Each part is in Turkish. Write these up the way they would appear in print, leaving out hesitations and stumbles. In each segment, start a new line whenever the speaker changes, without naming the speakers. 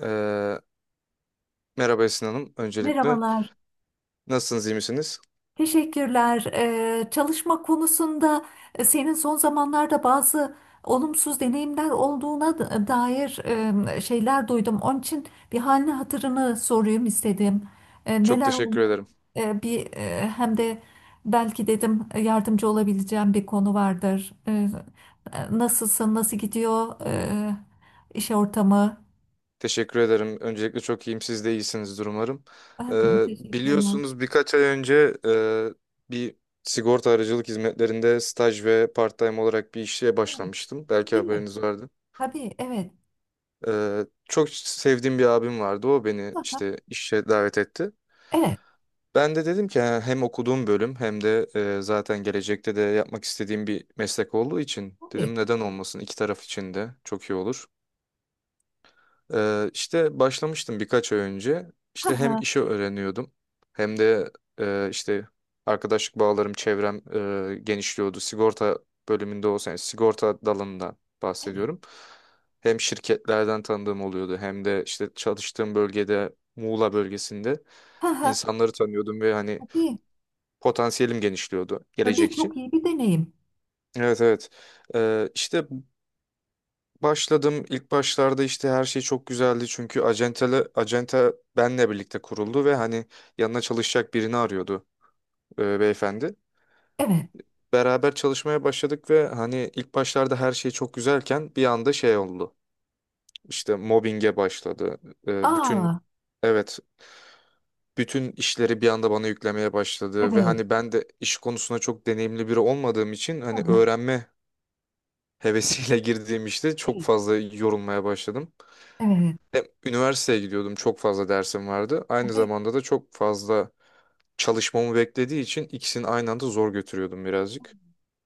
Ee, Merhaba Esin Hanım. Öncelikle
Merhabalar,
nasılsınız, iyi misiniz?
teşekkürler. Çalışma konusunda senin son zamanlarda bazı olumsuz deneyimler olduğuna dair şeyler duydum. Onun için bir halini hatırını sorayım istedim.
Çok
Neler
teşekkür
oluyor?
ederim.
Bir hem de belki dedim yardımcı olabileceğim bir konu vardır. Nasılsın? Nasıl gidiyor iş ortamı?
Teşekkür ederim. Öncelikle çok iyiyim. Siz de iyisinizdir umarım.
E,
Ee,
Teşekkürler.
Biliyorsunuz birkaç ay önce bir sigorta aracılık hizmetlerinde staj ve part-time olarak bir işe
Evet,
başlamıştım. Belki
değil mi?
haberiniz vardı.
Tabii, evet.
Çok sevdiğim bir abim vardı. O beni
Aha,
işte işe davet etti.
evet.
Ben de dedim ki "Ha, hem okuduğum bölüm hem de zaten gelecekte de yapmak istediğim bir meslek olduğu için
Tabii.
dedim neden olmasın, iki taraf için de çok iyi olur. İşte başlamıştım birkaç ay önce.
Ha
İşte
ha.
hem işi öğreniyordum hem de işte arkadaşlık bağlarım, çevrem genişliyordu. Sigorta bölümünde olsaydı, sigorta dalından bahsediyorum. Hem şirketlerden tanıdığım oluyordu hem de işte çalıştığım bölgede, Muğla bölgesinde
Ha ha.
insanları tanıyordum ve hani
Tabii.
potansiyelim genişliyordu
Tabii,
gelecek için.
çok iyi bir deneyim.
Evet, evet. İşte başladım. İlk başlarda işte her şey çok güzeldi, çünkü acente benle birlikte kuruldu ve hani yanına çalışacak birini arıyordu beyefendi.
Evet.
Beraber çalışmaya başladık ve hani ilk başlarda her şey çok güzelken bir anda şey oldu. İşte mobbinge başladı. Bütün
Aa,
evet bütün işleri bir anda bana yüklemeye başladı ve
evet.
hani ben de iş konusunda çok deneyimli biri olmadığım için,
Ha
hani
ha.
öğrenme hevesiyle girdiğim işte çok
Evet.
fazla yorulmaya başladım.
Evet.
Hem üniversiteye gidiyordum, çok fazla dersim vardı. Aynı
Tabii.
zamanda da çok fazla çalışmamı beklediği için ikisini aynı anda zor götürüyordum birazcık.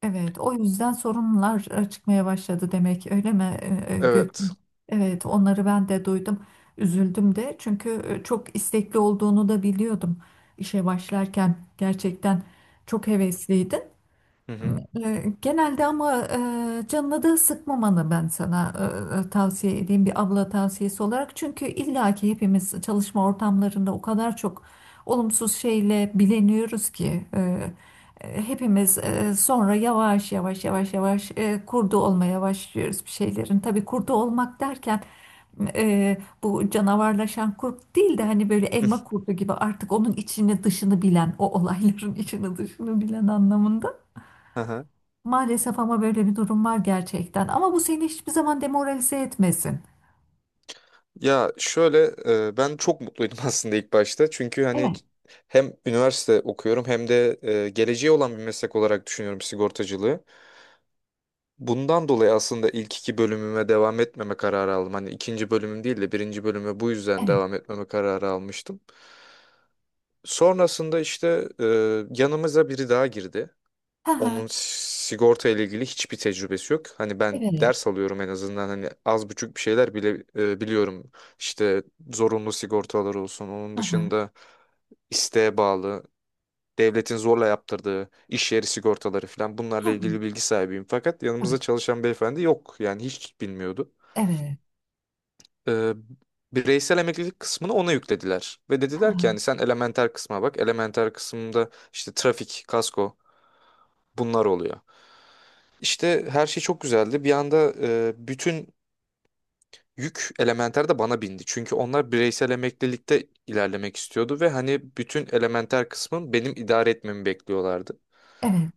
Evet. O yüzden sorunlar çıkmaya başladı demek. Öyle mi Gökçe?
Evet.
Evet. Onları ben de duydum. Üzüldüm de. Çünkü çok istekli olduğunu da biliyordum. İşe başlarken gerçekten çok hevesliydin.
Hı hı.
Genelde ama canına da sıkmamanı ben sana tavsiye edeyim, bir abla tavsiyesi olarak. Çünkü illaki hepimiz çalışma ortamlarında o kadar çok olumsuz şeyle bileniyoruz ki hepimiz sonra yavaş yavaş yavaş yavaş kurdu olmaya başlıyoruz bir şeylerin. Tabii kurdu olmak derken bu canavarlaşan kurt değil de hani böyle elma kurdu gibi artık onun içini dışını bilen, o olayların içini dışını bilen anlamında.
Aha.
Maalesef ama böyle bir durum var gerçekten. Ama bu seni hiçbir zaman demoralize etmesin.
Ya şöyle, ben çok mutluydum aslında ilk başta. Çünkü hani
Evet,
hem üniversite okuyorum hem de geleceği olan bir meslek olarak düşünüyorum sigortacılığı. Bundan dolayı aslında ilk iki bölümüme devam etmeme kararı aldım. Hani ikinci bölümüm değil de birinci bölüme bu yüzden
evet.
devam etmeme kararı almıştım. Sonrasında işte yanımıza biri daha girdi.
Ha ha,
Onun sigorta ile ilgili hiçbir tecrübesi yok. Hani ben
evet.
ders alıyorum en azından, hani az buçuk bir şeyler bile biliyorum. İşte zorunlu sigortalar olsun. Onun
Ha ha,
dışında isteğe bağlı, devletin zorla yaptırdığı iş yeri sigortaları falan, bunlarla
ha.
ilgili bilgi sahibiyim. Fakat yanımızda
Tabii.
çalışan beyefendi yok, yani hiç bilmiyordu.
Evet.
Ee, Bireysel emeklilik kısmını ona yüklediler ve
Ha
dediler ki yani
ha,
sen elementer kısma bak. Elementer kısımda işte trafik, kasko, bunlar oluyor. İşte her şey çok güzeldi. Bir anda bütün yük elementer de bana bindi. Çünkü onlar bireysel emeklilikte ilerlemek istiyordu ve hani bütün elementer kısmın benim idare etmemi bekliyorlardı.
evet.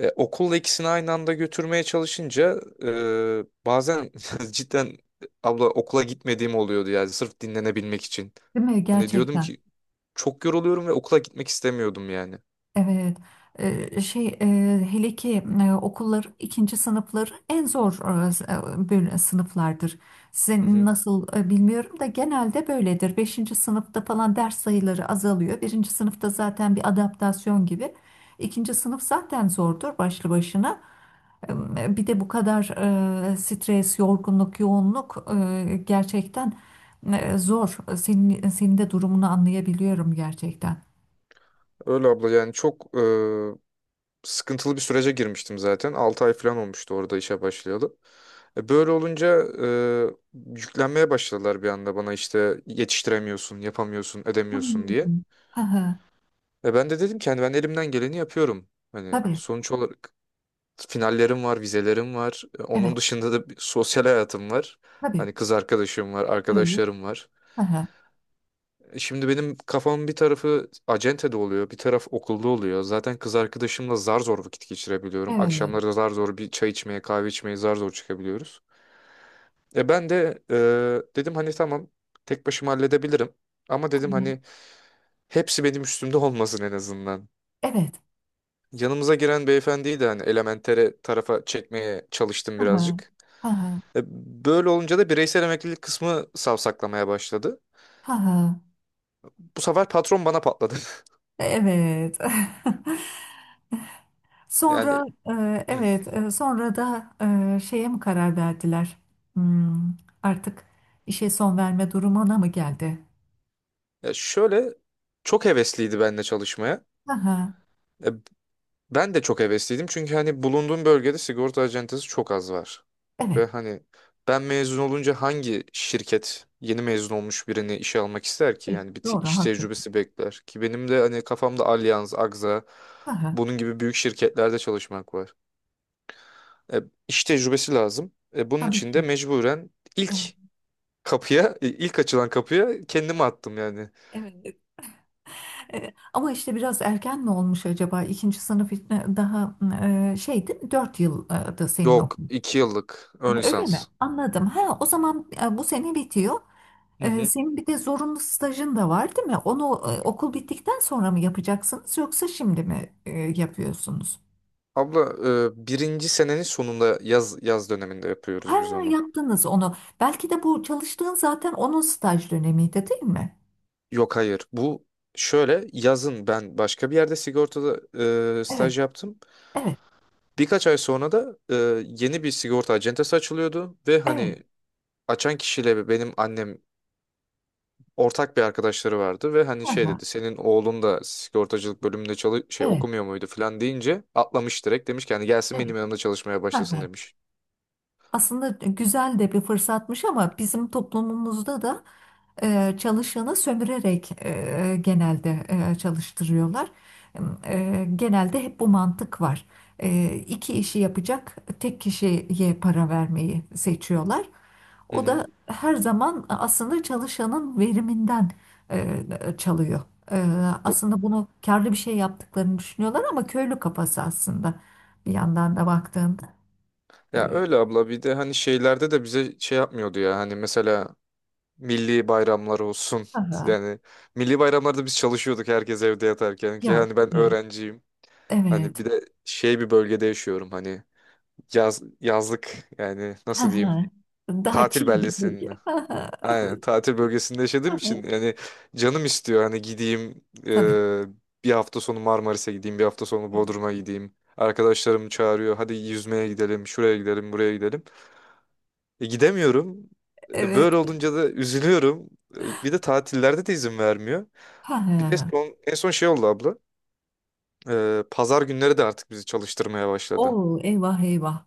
Okulla ikisini aynı anda götürmeye çalışınca bazen cidden abla okula gitmediğim oluyordu, yani sırf dinlenebilmek için.
Değil mi?
Hani diyordum
Gerçekten.
ki çok yoruluyorum ve okula gitmek istemiyordum yani.
Evet. Şey, hele ki okullar, ikinci sınıfları en zor sınıflardır.
Hı
Sizin
hı.
nasıl bilmiyorum da genelde böyledir. Beşinci sınıfta falan ders sayıları azalıyor. Birinci sınıfta zaten bir adaptasyon gibi. İkinci sınıf zaten zordur başlı başına. Bir de bu kadar stres, yorgunluk, yoğunluk gerçekten zor. Senin de durumunu anlayabiliyorum gerçekten.
Öyle abla, yani çok sıkıntılı bir sürece girmiştim zaten. 6 ay falan olmuştu orada işe başlayalı. Böyle olunca yüklenmeye başladılar bir anda bana, işte yetiştiremiyorsun, yapamıyorsun, edemiyorsun diye.
Hmm. Hı,
Ben de dedim ki hani ben elimden geleni yapıyorum. Hani
tabii,
sonuç olarak finallerim var, vizelerim var.
evet,
Onun dışında da bir sosyal hayatım var.
tabii,
Hani kız arkadaşım var,
evet,
arkadaşlarım var.
hı,
Şimdi benim kafamın bir tarafı acentede oluyor, bir taraf okulda oluyor. Zaten kız arkadaşımla zar zor vakit geçirebiliyorum.
evet,
Akşamları da zar zor bir çay içmeye, kahve içmeye zar zor çıkabiliyoruz. Ben de, dedim hani tamam, tek başıma halledebilirim. Ama dedim hani
hı,
hepsi benim üstümde olmasın en azından.
evet,
Yanımıza giren beyefendiyi de hani elementere tarafa çekmeye çalıştım
hı hı.
birazcık.
Hı,
E, Böyle olunca da bireysel emeklilik kısmı savsaklamaya başladı. Bu sefer patron bana patladı.
evet.
Yani
Sonra,
hı.
evet, sonra da şeye mi karar verdiler? Hmm, artık işe son verme durumuna mı geldi?
Ya şöyle, çok hevesliydi benimle çalışmaya. E, Ben de çok hevesliydim çünkü hani bulunduğum bölgede sigorta acentesi çok az var. Ve
Evet,
hani ben mezun olunca hangi şirket yeni mezun olmuş birini işe almak ister ki?
evet,
Yani bir
doğru,
iş
haklı.
tecrübesi bekler ki, benim de hani kafamda Allianz, Agza
Aha,
bunun gibi büyük şirketlerde çalışmak var. E, iş tecrübesi lazım. Bunun
tabii
için de
ki.
mecburen
Evet,
ilk ilk açılan kapıya kendimi attım yani.
evet. Ama işte biraz erken mi olmuş acaba? İkinci sınıf için daha şeydi, 4 yıldı senin
Yok,
okulun.
2 yıllık ön
Öyle mi?
lisans.
Anladım. Ha, o zaman bu sene bitiyor.
Hı hı.
Senin bir de zorunlu stajın da var, değil mi? Onu okul bittikten sonra mı yapacaksınız yoksa şimdi mi yapıyorsunuz?
Abla, birinci senenin sonunda yaz döneminde
Ha,
yapıyoruz biz onu.
yaptınız onu. Belki de bu çalıştığın zaten onun staj dönemiydi, değil mi?
Yok, hayır, bu şöyle, yazın ben başka bir yerde sigortada
Evet,
staj yaptım.
evet,
Birkaç ay sonra da yeni bir sigorta acentesi açılıyordu ve
evet.
hani açan kişiyle benim annem ortak bir arkadaşları vardı ve hani şey
Aha,
dedi, senin oğlun da sigortacılık bölümünde çalış şey
evet.
okumuyor muydu falan deyince atlamış direkt, demiş ki hani gelsin
Evet.
benim yanımda çalışmaya
Hı
başlasın
hı.
demiş.
Aslında güzel de bir fırsatmış ama bizim toplumumuzda da çalışanı sömürerek genelde çalıştırıyorlar. Genelde hep bu mantık var. İki işi yapacak tek kişiye para vermeyi seçiyorlar.
Hı
O
hı.
da her zaman aslında çalışanın veriminden e, çalıyor. E,
Bu-
Aslında bunu karlı bir şey yaptıklarını düşünüyorlar ama köylü kafası aslında bir yandan da baktığında.
Ya
E,
öyle abla, bir de hani şeylerde de bize şey yapmıyordu ya, hani mesela milli bayramlar olsun.
aha.
Yani milli bayramlarda biz çalışıyorduk, herkes evde yatarken, ki
Ya,
hani ben
evet.
öğrenciyim. Hani
Evet.
bir de şey bir bölgede yaşıyorum, hani yazlık, yani
Hı
nasıl diyeyim,
hı. Daha
tatil
chill bir bölge.
beldesinde.
Hı hı.
Aynen tatil bölgesinde
Hı
yaşadığım
hı.
için, yani canım istiyor hani gideyim,
Tabii.
bir hafta sonu Marmaris'e gideyim, bir hafta sonu Bodrum'a gideyim. Arkadaşlarım çağırıyor hadi yüzmeye gidelim, şuraya gidelim, buraya gidelim. Gidemiyorum.
Evet.
Böyle olunca da üzülüyorum. Bir de tatillerde de izin vermiyor.
Ha.
Bir de
Ha.
en son şey oldu abla. Pazar günleri de artık bizi çalıştırmaya başladı.
Oo, eyvah eyvah.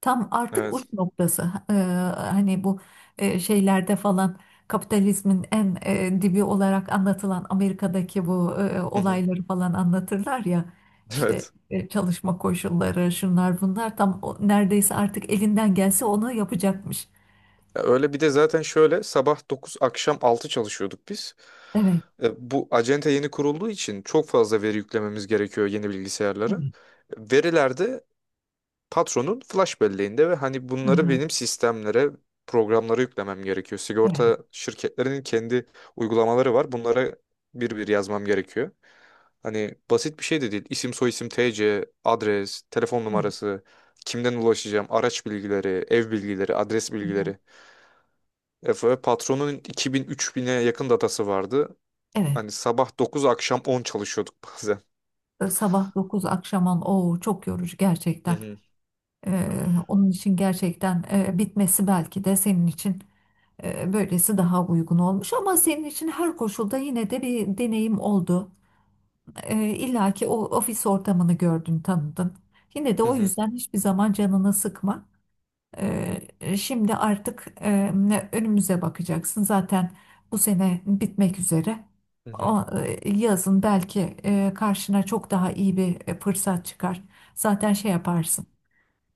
Tam artık uç
Evet.
noktası. Hani bu şeylerde falan kapitalizmin en dibi olarak anlatılan Amerika'daki bu
Hı hı.
olayları falan anlatırlar ya. İşte
Evet.
çalışma koşulları, şunlar bunlar, tam neredeyse artık elinden gelse onu yapacakmış.
Ya öyle, bir de zaten şöyle sabah 9 akşam 6 çalışıyorduk biz.
Evet.
Bu acente yeni kurulduğu için çok fazla veri yüklememiz gerekiyor yeni bilgisayarlara.
Evet.
Verilerde patronun flash belleğinde ve hani bunları
Hı.
benim sistemlere, programlara yüklemem gerekiyor.
Evet.
Sigorta şirketlerinin kendi uygulamaları var. Bunlara bir bir yazmam gerekiyor. Hani basit bir şey de değil. İsim, soyisim, TC, adres, telefon numarası, kimden ulaşacağım, araç bilgileri, ev bilgileri, adres
Evet.
bilgileri. Efe patronun 2000-3000'e yakın datası vardı.
Evet,
Hani sabah 9 akşam 10 çalışıyorduk bazen.
sabah 9 akşam 10, o çok yorucu
Hı
gerçekten.
hı.
Onun için gerçekten bitmesi belki de senin için böylesi daha uygun olmuş, ama senin için her koşulda yine de bir deneyim oldu. İlla ki o ofis ortamını gördün, tanıdın. Yine de
Hı
o
hı.
yüzden hiçbir zaman canını sıkma. Şimdi artık önümüze bakacaksın. Zaten bu sene bitmek üzere.
Hı hı.
O, yazın belki karşına çok daha iyi bir fırsat çıkar. Zaten şey yaparsın.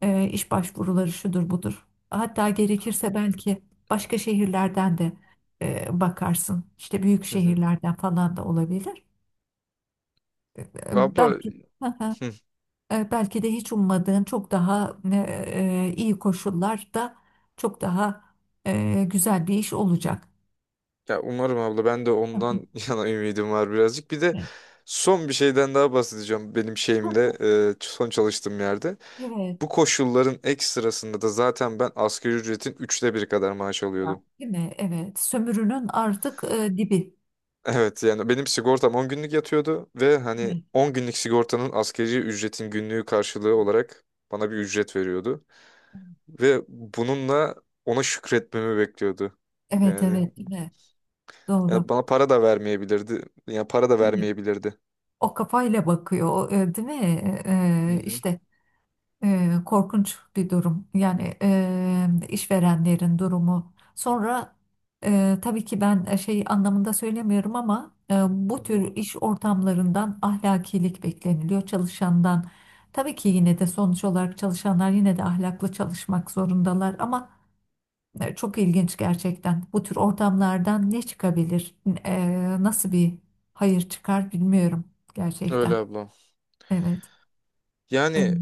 İş başvuruları, şudur budur. Hatta gerekirse belki başka şehirlerden de bakarsın. İşte büyük
Hı hı.
şehirlerden falan da olabilir. E,
Abla
belki
hı.
Belki de hiç ummadığın çok daha iyi koşullarda, çok daha güzel bir iş olacak.
Ya umarım abla, ben de ondan yana ümidim var birazcık. Bir de
Evet.
son bir şeyden daha bahsedeceğim, benim
Hah,
şeyimde, son çalıştığım yerde.
evet.
Bu koşulların ekstrasında da zaten ben asgari ücretin üçte biri kadar maaş
Ya.
alıyordum.
Değil mi? Evet. Sömürünün artık dibi.
Evet, yani benim sigortam 10 günlük yatıyordu ve hani
Evet.
10 günlük sigortanın asgari ücretin günlüğü karşılığı olarak bana bir ücret veriyordu. Ve bununla ona şükretmemi bekliyordu.
Evet,
Yani,
evet, değil mi? Doğru.
yani bana para da vermeyebilirdi. Yani para da
Değil mi?
vermeyebilirdi.
O kafayla bakıyor, değil mi? E,
Hı hı.
işte Korkunç bir durum. Yani işverenlerin durumu. Sonra tabii ki ben şey anlamında söylemiyorum ama
Hı
bu
hı.
tür iş ortamlarından ahlakilik bekleniliyor çalışandan. Tabii ki yine de sonuç olarak çalışanlar yine de ahlaklı çalışmak zorundalar ama çok ilginç gerçekten. Bu tür ortamlardan ne çıkabilir? Nasıl bir hayır çıkar bilmiyorum gerçekten.
Öyle abla.
Evet. Evet.
Yani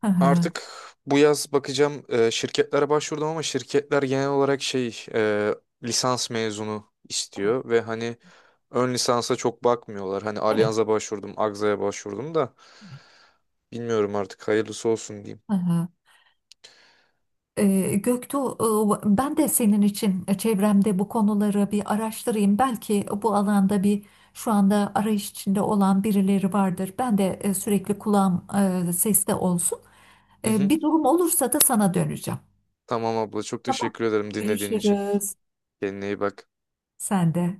Hı hı.
artık bu yaz bakacağım, şirketlere başvurdum ama şirketler genel olarak şey, lisans mezunu
Evet.
istiyor ve hani ön lisansa çok bakmıyorlar. Hani
Evet.
Allianz'a başvurdum, Agza'ya başvurdum da bilmiyorum artık, hayırlısı olsun diyeyim.
Hı hı. Göktuğ, ben de senin için çevremde bu konuları bir araştırayım. Belki bu alanda bir, şu anda arayış içinde olan birileri vardır. Ben de sürekli kulağım seste olsun.
Hı hı.
Bir durum olursa da sana döneceğim.
Tamam abla, çok
Tamam.
teşekkür ederim dinlediğin için.
Görüşürüz.
Kendine iyi bak.
Sen de.